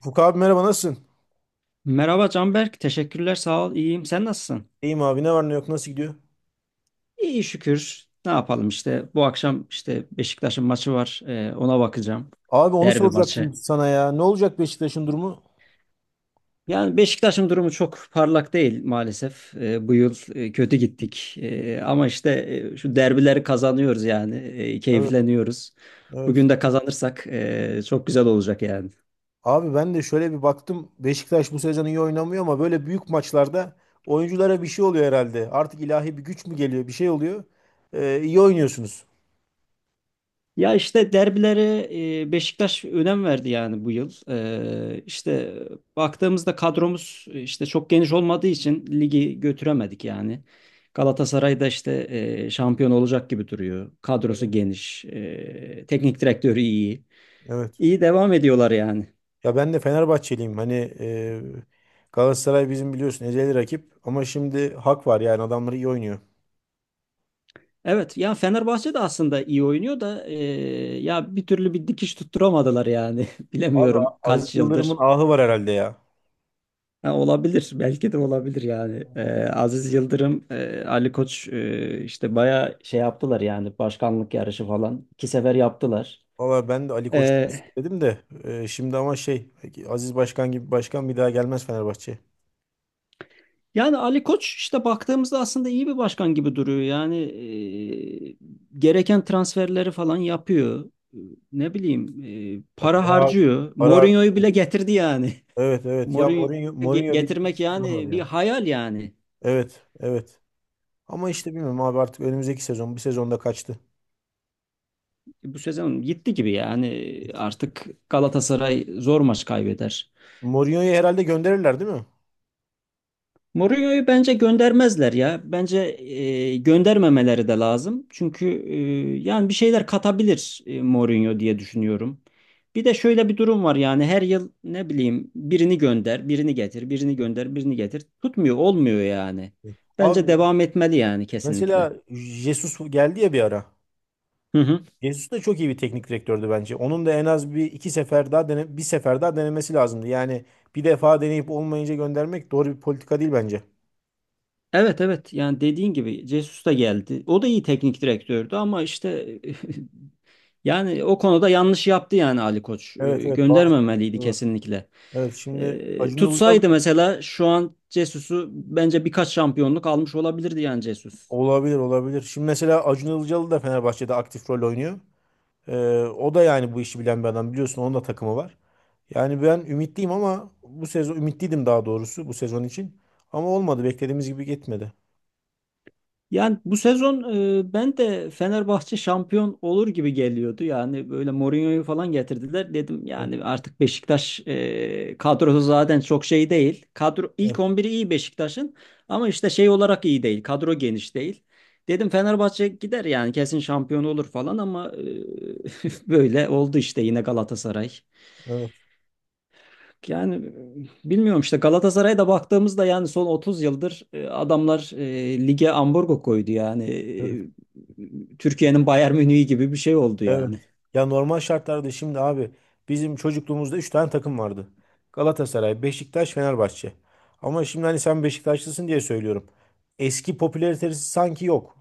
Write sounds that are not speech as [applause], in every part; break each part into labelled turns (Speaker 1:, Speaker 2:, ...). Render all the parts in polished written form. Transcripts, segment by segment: Speaker 1: Furkan abi, merhaba, nasılsın?
Speaker 2: Merhaba Canberk, teşekkürler, sağ ol, iyiyim. Sen nasılsın?
Speaker 1: İyiyim abi, ne var ne yok, nasıl gidiyor?
Speaker 2: İyi şükür. Ne yapalım işte bu akşam işte Beşiktaş'ın maçı var, ona bakacağım.
Speaker 1: Abi onu
Speaker 2: Derbi maçı.
Speaker 1: soracaktım sana ya. Ne olacak Beşiktaş'ın durumu?
Speaker 2: Yani Beşiktaş'ın durumu çok parlak değil maalesef. Bu yıl kötü gittik. Ama işte şu derbileri kazanıyoruz yani,
Speaker 1: Evet.
Speaker 2: keyifleniyoruz.
Speaker 1: Evet.
Speaker 2: Bugün de kazanırsak çok güzel olacak yani.
Speaker 1: Abi ben de şöyle bir baktım. Beşiktaş bu sezon iyi oynamıyor ama böyle büyük maçlarda oyunculara bir şey oluyor herhalde. Artık ilahi bir güç mü geliyor? Bir şey oluyor. İyi oynuyorsunuz.
Speaker 2: Ya işte derbilere Beşiktaş önem verdi yani bu yıl. İşte baktığımızda kadromuz işte çok geniş olmadığı için ligi götüremedik yani. Galatasaray da işte şampiyon olacak gibi duruyor. Kadrosu
Speaker 1: Evet.
Speaker 2: geniş, teknik direktörü iyi.
Speaker 1: Evet.
Speaker 2: İyi devam ediyorlar yani.
Speaker 1: Ya ben de Fenerbahçeliyim. Hani e, Galatasaray bizim biliyorsun ezeli rakip. Ama şimdi hak var yani adamları iyi oynuyor.
Speaker 2: Evet, ya Fenerbahçe de aslında iyi oynuyor da ya bir türlü bir dikiş tutturamadılar yani. [laughs]
Speaker 1: Abi
Speaker 2: Bilemiyorum
Speaker 1: Aziz
Speaker 2: kaç
Speaker 1: Yıldırım'ın
Speaker 2: yıldır.
Speaker 1: ahı var herhalde ya.
Speaker 2: Ha, olabilir. Belki de olabilir yani. Aziz Yıldırım, Ali Koç işte bayağı şey yaptılar yani başkanlık yarışı falan. İki sefer yaptılar.
Speaker 1: Valla ben de Ali Koç'u
Speaker 2: Ee,
Speaker 1: istedim de şimdi ama şey Aziz Başkan gibi başkan bir daha gelmez Fenerbahçe'ye.
Speaker 2: Yani Ali Koç işte baktığımızda aslında iyi bir başkan gibi duruyor. Yani e, gereken transferleri falan yapıyor. Ne bileyim
Speaker 1: Ya
Speaker 2: para
Speaker 1: para harcıyor,
Speaker 2: harcıyor.
Speaker 1: para harcıyor.
Speaker 2: Mourinho'yu bile getirdi yani.
Speaker 1: Evet,
Speaker 2: [laughs]
Speaker 1: evet. Ya
Speaker 2: Mourinho'yu
Speaker 1: Mourinho, Mourinho bir
Speaker 2: Getirmek
Speaker 1: var
Speaker 2: yani bir
Speaker 1: ya.
Speaker 2: hayal yani.
Speaker 1: Evet, evet. Ama işte bilmiyorum abi, artık önümüzdeki sezon bir sezonda kaçtı.
Speaker 2: Bu sezon gitti gibi yani artık Galatasaray zor maç kaybeder.
Speaker 1: Mourinho'yu herhalde gönderirler, değil mi?
Speaker 2: Mourinho'yu bence göndermezler ya. Bence göndermemeleri de lazım. Çünkü yani bir şeyler katabilir Mourinho diye düşünüyorum. Bir de şöyle bir durum var yani her yıl ne bileyim birini gönder, birini getir, birini gönder, birini getir. Tutmuyor, olmuyor yani.
Speaker 1: Evet.
Speaker 2: Bence
Speaker 1: Abi
Speaker 2: devam etmeli yani kesinlikle.
Speaker 1: mesela Jesus geldi ya bir ara.
Speaker 2: Hı hı.
Speaker 1: Jesus da çok iyi bir teknik direktördü bence. Onun da en az bir iki sefer daha bir sefer daha denemesi lazımdı. Yani bir defa deneyip olmayınca göndermek doğru bir politika değil bence.
Speaker 2: Evet evet yani dediğin gibi Jesus da geldi. O da iyi teknik direktördü ama işte. [laughs] Yani o konuda yanlış yaptı yani Ali Koç.
Speaker 1: Evet, evet, bazı
Speaker 2: Göndermemeliydi
Speaker 1: kampları var.
Speaker 2: kesinlikle.
Speaker 1: Evet, şimdi Acun Ilıcalı.
Speaker 2: Tutsaydı mesela şu an Cesus'u bence birkaç şampiyonluk almış olabilirdi yani Cesus.
Speaker 1: Olabilir, olabilir. Şimdi mesela Acun Ilıcalı da Fenerbahçe'de aktif rol oynuyor. Ee, O da yani bu işi bilen bir adam, biliyorsun, onun da takımı var. Yani ben ümitliyim, ama bu sezon ümitliydim daha doğrusu, bu sezon için. Ama olmadı, beklediğimiz gibi gitmedi.
Speaker 2: Yani bu sezon ben de Fenerbahçe şampiyon olur gibi geliyordu. Yani böyle Mourinho'yu falan getirdiler. Dedim
Speaker 1: Evet,
Speaker 2: yani artık Beşiktaş kadrosu zaten çok şey değil. Kadro ilk on biri iyi Beşiktaş'ın ama işte şey olarak iyi değil. Kadro geniş değil. Dedim Fenerbahçe gider yani kesin şampiyon olur falan ama [laughs] böyle oldu işte yine Galatasaray.
Speaker 1: evet,
Speaker 2: Yani bilmiyorum işte Galatasaray'a da baktığımızda yani son 30 yıldır adamlar lige ambargo koydu yani.
Speaker 1: evet.
Speaker 2: Türkiye'nin Bayern Münih'i gibi bir şey oldu
Speaker 1: Evet.
Speaker 2: yani.
Speaker 1: Ya normal şartlarda, şimdi abi, bizim çocukluğumuzda 3 tane takım vardı. Galatasaray, Beşiktaş, Fenerbahçe. Ama şimdi, hani sen Beşiktaşlısın diye söylüyorum, eski popülaritesi sanki yok.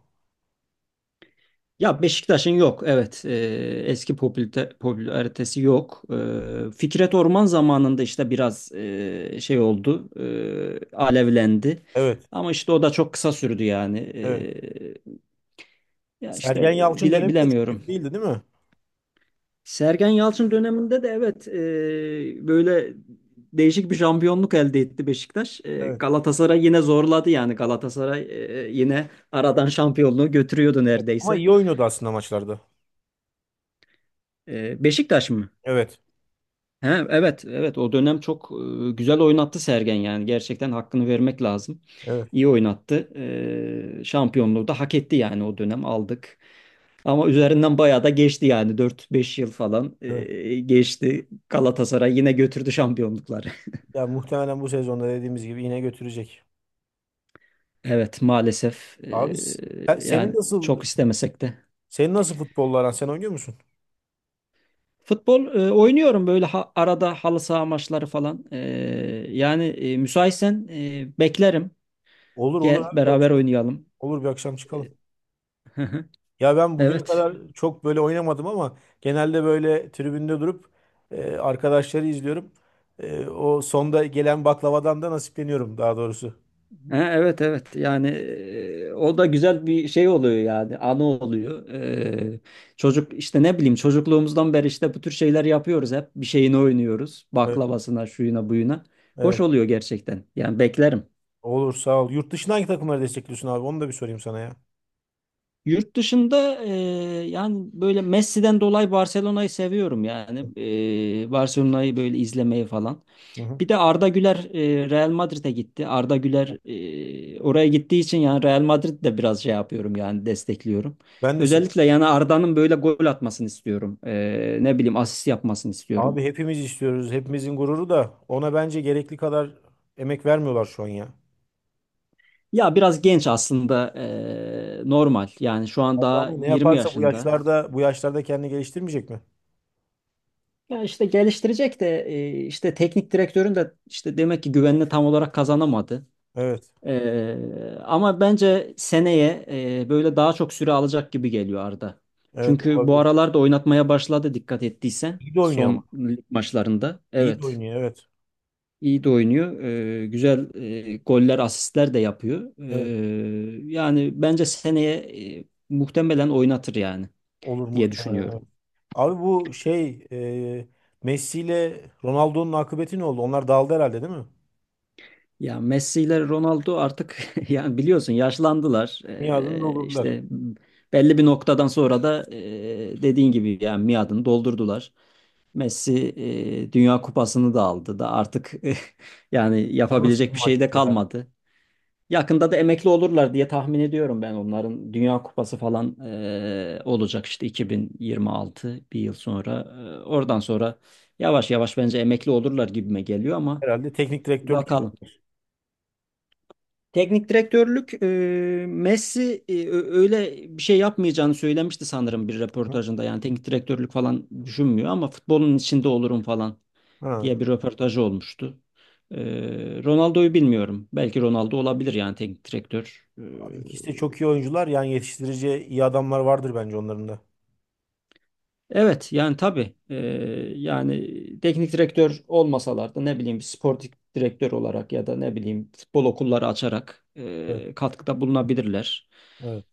Speaker 2: Ya Beşiktaş'ın yok evet. Eski popülaritesi yok. Fikret Orman zamanında işte biraz şey oldu, alevlendi.
Speaker 1: Evet.
Speaker 2: Ama işte o da çok kısa sürdü yani.
Speaker 1: Evet.
Speaker 2: Ya
Speaker 1: Sergen
Speaker 2: işte
Speaker 1: Yalçın dönemi de çok
Speaker 2: bilemiyorum.
Speaker 1: kötü değildi, değil mi?
Speaker 2: Sergen Yalçın döneminde de evet böyle değişik bir şampiyonluk elde etti Beşiktaş.
Speaker 1: Evet.
Speaker 2: Galatasaray yine zorladı yani Galatasaray yine aradan şampiyonluğu götürüyordu
Speaker 1: Ama
Speaker 2: neredeyse.
Speaker 1: iyi oynuyordu aslında maçlarda.
Speaker 2: Beşiktaş mı?
Speaker 1: Evet.
Speaker 2: He, evet evet o dönem çok güzel oynattı Sergen yani gerçekten hakkını vermek lazım.
Speaker 1: Evet.
Speaker 2: İyi oynattı. Şampiyonluğu da hak etti yani o dönem aldık. Ama üzerinden bayağı da geçti yani dört beş yıl falan
Speaker 1: Evet.
Speaker 2: geçti. Galatasaray yine götürdü şampiyonlukları.
Speaker 1: Ya muhtemelen bu sezonda dediğimiz gibi yine götürecek.
Speaker 2: Evet maalesef
Speaker 1: Abi, sen- senin
Speaker 2: yani
Speaker 1: nasıl
Speaker 2: çok istemesek de.
Speaker 1: senin nasıl futbolla aran? Sen oynuyor musun?
Speaker 2: Futbol oynuyorum böyle arada halı saha maçları falan. Yani müsaitsen beklerim.
Speaker 1: Olur olur
Speaker 2: Gel
Speaker 1: abi,
Speaker 2: beraber oynayalım.
Speaker 1: olur bir akşam çıkalım.
Speaker 2: [laughs]
Speaker 1: Ya ben bugüne
Speaker 2: Evet.
Speaker 1: kadar çok böyle oynamadım, ama genelde böyle tribünde durup arkadaşları izliyorum. O sonda gelen baklavadan da nasipleniyorum, daha doğrusu.
Speaker 2: Ha, evet evet yani o da güzel bir şey oluyor yani anı oluyor. Çocuk işte ne bileyim çocukluğumuzdan beri işte bu tür şeyler yapıyoruz hep bir şeyini oynuyoruz
Speaker 1: Evet,
Speaker 2: baklavasına şuyuna buyuna. Hoş
Speaker 1: evet.
Speaker 2: oluyor gerçekten yani beklerim.
Speaker 1: Olur, sağ ol. Yurt dışından hangi takımları destekliyorsun abi? Onu da bir sorayım sana ya.
Speaker 2: Yurt dışında yani böyle Messi'den dolayı Barcelona'yı seviyorum yani. Barcelona'yı böyle izlemeyi falan.
Speaker 1: Hı hı.
Speaker 2: Bir de Arda Güler Real Madrid'e gitti. Arda Güler oraya gittiği için yani Real Madrid'i de biraz şey yapıyorum yani destekliyorum.
Speaker 1: Ben de seviyorum.
Speaker 2: Özellikle yani Arda'nın böyle gol atmasını istiyorum. Ne bileyim asist yapmasını istiyorum.
Speaker 1: Abi hepimiz istiyoruz. Hepimizin gururu da, ona bence gerekli kadar emek vermiyorlar şu an ya.
Speaker 2: Ya biraz genç aslında normal yani şu an
Speaker 1: Abi
Speaker 2: daha
Speaker 1: ama ne
Speaker 2: 20
Speaker 1: yaparsa, bu
Speaker 2: yaşında.
Speaker 1: yaşlarda bu yaşlarda kendini geliştirmeyecek mi?
Speaker 2: Ya işte geliştirecek de işte teknik direktörün de işte demek ki güvenini tam olarak kazanamadı.
Speaker 1: Evet.
Speaker 2: Ama bence seneye böyle daha çok süre alacak gibi geliyor Arda.
Speaker 1: Evet,
Speaker 2: Çünkü bu
Speaker 1: olabilir.
Speaker 2: aralarda oynatmaya başladı dikkat ettiysen
Speaker 1: İyi de oynuyor ama.
Speaker 2: son lig maçlarında.
Speaker 1: İyi de
Speaker 2: Evet.
Speaker 1: oynuyor, evet.
Speaker 2: iyi de oynuyor. Güzel goller, asistler de yapıyor.
Speaker 1: Evet.
Speaker 2: Yani bence seneye muhtemelen oynatır yani
Speaker 1: Olur
Speaker 2: diye
Speaker 1: muhtemelen. Evet.
Speaker 2: düşünüyorum.
Speaker 1: Abi bu şey, e, Messi ile Ronaldo'nun akıbeti ne oldu? Onlar dağıldı herhalde, değil mi?
Speaker 2: Ya Messi ile Ronaldo artık [laughs] yani biliyorsun yaşlandılar.
Speaker 1: Miadını doldurdular.
Speaker 2: İşte belli bir noktadan sonra da dediğin gibi yani miadını doldurdular. Messi Dünya Kupası'nı da aldı da artık [laughs] yani
Speaker 1: O nasıl bir
Speaker 2: yapabilecek bir şey
Speaker 1: maçtı
Speaker 2: de
Speaker 1: ya?
Speaker 2: kalmadı. Yakında da emekli olurlar diye tahmin ediyorum ben onların Dünya Kupası falan olacak işte 2026 bir yıl sonra. Oradan sonra yavaş yavaş bence emekli olurlar gibime geliyor ama
Speaker 1: Herhalde teknik direktörlük
Speaker 2: bakalım. Teknik direktörlük Messi öyle bir şey yapmayacağını söylemişti sanırım bir
Speaker 1: yaptı.
Speaker 2: röportajında. Yani teknik direktörlük falan düşünmüyor ama futbolun içinde olurum falan
Speaker 1: Ha.
Speaker 2: diye bir röportajı olmuştu. E, Ronaldo'yu bilmiyorum. Belki Ronaldo olabilir yani teknik direktör.
Speaker 1: Abi ikisi de çok iyi oyuncular. Yani yetiştirici iyi adamlar vardır bence onların da.
Speaker 2: Evet yani tabii yani teknik direktör olmasalar da ne bileyim bir sportif direktör olarak ya da ne bileyim futbol okulları açarak
Speaker 1: Evet.
Speaker 2: katkıda bulunabilirler.
Speaker 1: Evet.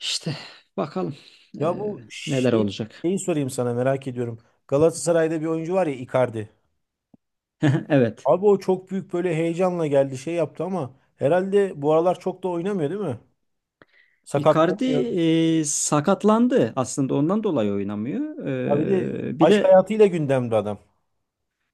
Speaker 2: İşte bakalım
Speaker 1: Ya
Speaker 2: neler olacak.
Speaker 1: şeyi sorayım sana, merak ediyorum. Galatasaray'da bir oyuncu var ya, Icardi.
Speaker 2: [laughs] Evet.
Speaker 1: Abi o çok büyük böyle heyecanla geldi, şey yaptı, ama herhalde bu aralar çok da oynamıyor, değil mi?
Speaker 2: Icardi
Speaker 1: Sakatlanıyor.
Speaker 2: sakatlandı. Aslında ondan dolayı oynamıyor.
Speaker 1: Ha bir de
Speaker 2: Bir
Speaker 1: aşk
Speaker 2: de
Speaker 1: hayatıyla gündemde adam.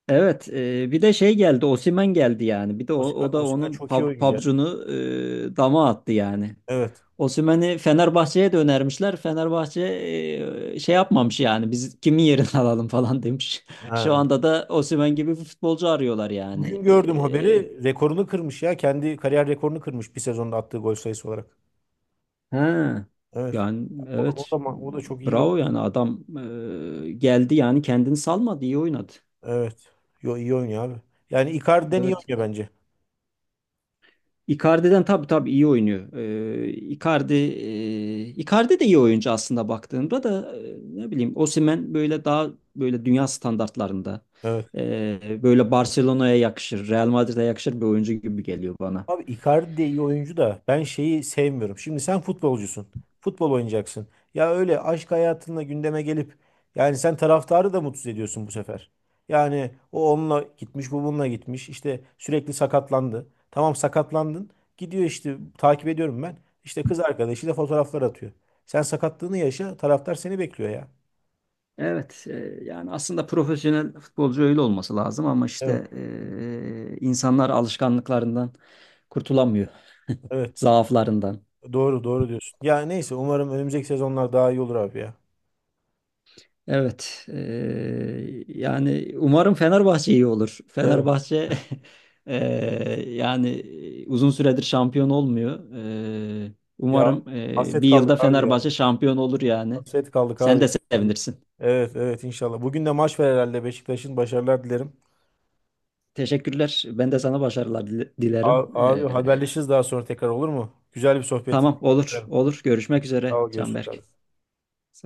Speaker 2: evet, bir de şey geldi. Osimhen geldi yani. Bir de o,
Speaker 1: Osimhen,
Speaker 2: o da
Speaker 1: Osimhen
Speaker 2: onun
Speaker 1: çok iyi oyuncu ya.
Speaker 2: pabucunu dama attı yani.
Speaker 1: Evet.
Speaker 2: Osimhen'i Fenerbahçe'ye de önermişler. Fenerbahçe şey yapmamış yani. Biz kimin yerini [laughs] alalım falan demiş. Şu
Speaker 1: Ha.
Speaker 2: anda da Osimhen gibi bir futbolcu arıyorlar yani.
Speaker 1: Bugün gördüm haberi. Rekorunu kırmış ya. Kendi kariyer rekorunu kırmış, bir sezonda attığı gol sayısı olarak.
Speaker 2: Ha.
Speaker 1: Evet.
Speaker 2: Yani
Speaker 1: O da, o da,
Speaker 2: evet.
Speaker 1: ma- o da çok iyi bir.
Speaker 2: Bravo yani adam geldi yani kendini salmadı, iyi oynadı.
Speaker 1: Evet. Yo, iyi oynuyor abi. Yani Icardi'den iyi
Speaker 2: Evet.
Speaker 1: oynuyor bence.
Speaker 2: Icardi'den tabii tabii iyi oynuyor. Ee, Icardi, Icardi de iyi oyuncu aslında baktığında da ne bileyim Osimhen böyle daha böyle dünya standartlarında
Speaker 1: Evet.
Speaker 2: böyle Barcelona'ya yakışır, Real Madrid'e yakışır bir oyuncu gibi geliyor bana.
Speaker 1: Abi Icardi de iyi oyuncu da, ben şeyi sevmiyorum. Şimdi sen futbolcusun. Futbol oynayacaksın. Ya öyle aşk hayatınla gündeme gelip, yani sen taraftarı da mutsuz ediyorsun bu sefer. Yani o onunla gitmiş, bu bununla gitmiş. İşte sürekli sakatlandı. Tamam, sakatlandın. Gidiyor işte, takip ediyorum ben. İşte kız arkadaşıyla fotoğraflar atıyor. Sen sakatlığını yaşa, taraftar seni bekliyor ya.
Speaker 2: Evet, yani aslında profesyonel futbolcu öyle olması lazım ama
Speaker 1: Evet,
Speaker 2: işte insanlar alışkanlıklarından kurtulamıyor,
Speaker 1: evet.
Speaker 2: zaaflarından.
Speaker 1: Doğru, doğru diyorsun. Ya neyse, umarım önümüzdeki sezonlar daha iyi olur abi ya.
Speaker 2: Evet, yani umarım Fenerbahçe iyi olur.
Speaker 1: Evet.
Speaker 2: Fenerbahçe [laughs] e, yani uzun süredir şampiyon olmuyor. E,
Speaker 1: Ya
Speaker 2: Umarım
Speaker 1: hasret
Speaker 2: bir yılda
Speaker 1: kaldık abi ya.
Speaker 2: Fenerbahçe şampiyon olur yani.
Speaker 1: Hasret kaldık abi.
Speaker 2: Sen de
Speaker 1: İnşallah.
Speaker 2: sevinirsin.
Speaker 1: Evet, evet, inşallah. Bugün de maç var herhalde. Beşiktaş'ın başarılar dilerim.
Speaker 2: Teşekkürler. Ben de sana başarılar dilerim.
Speaker 1: Abi, abi haberleşiriz daha sonra tekrar, olur mu? Güzel bir sohbet.
Speaker 2: Tamam olur olur. Görüşmek
Speaker 1: Sağ
Speaker 2: üzere
Speaker 1: ol, görüşürüz abi.
Speaker 2: Canberk.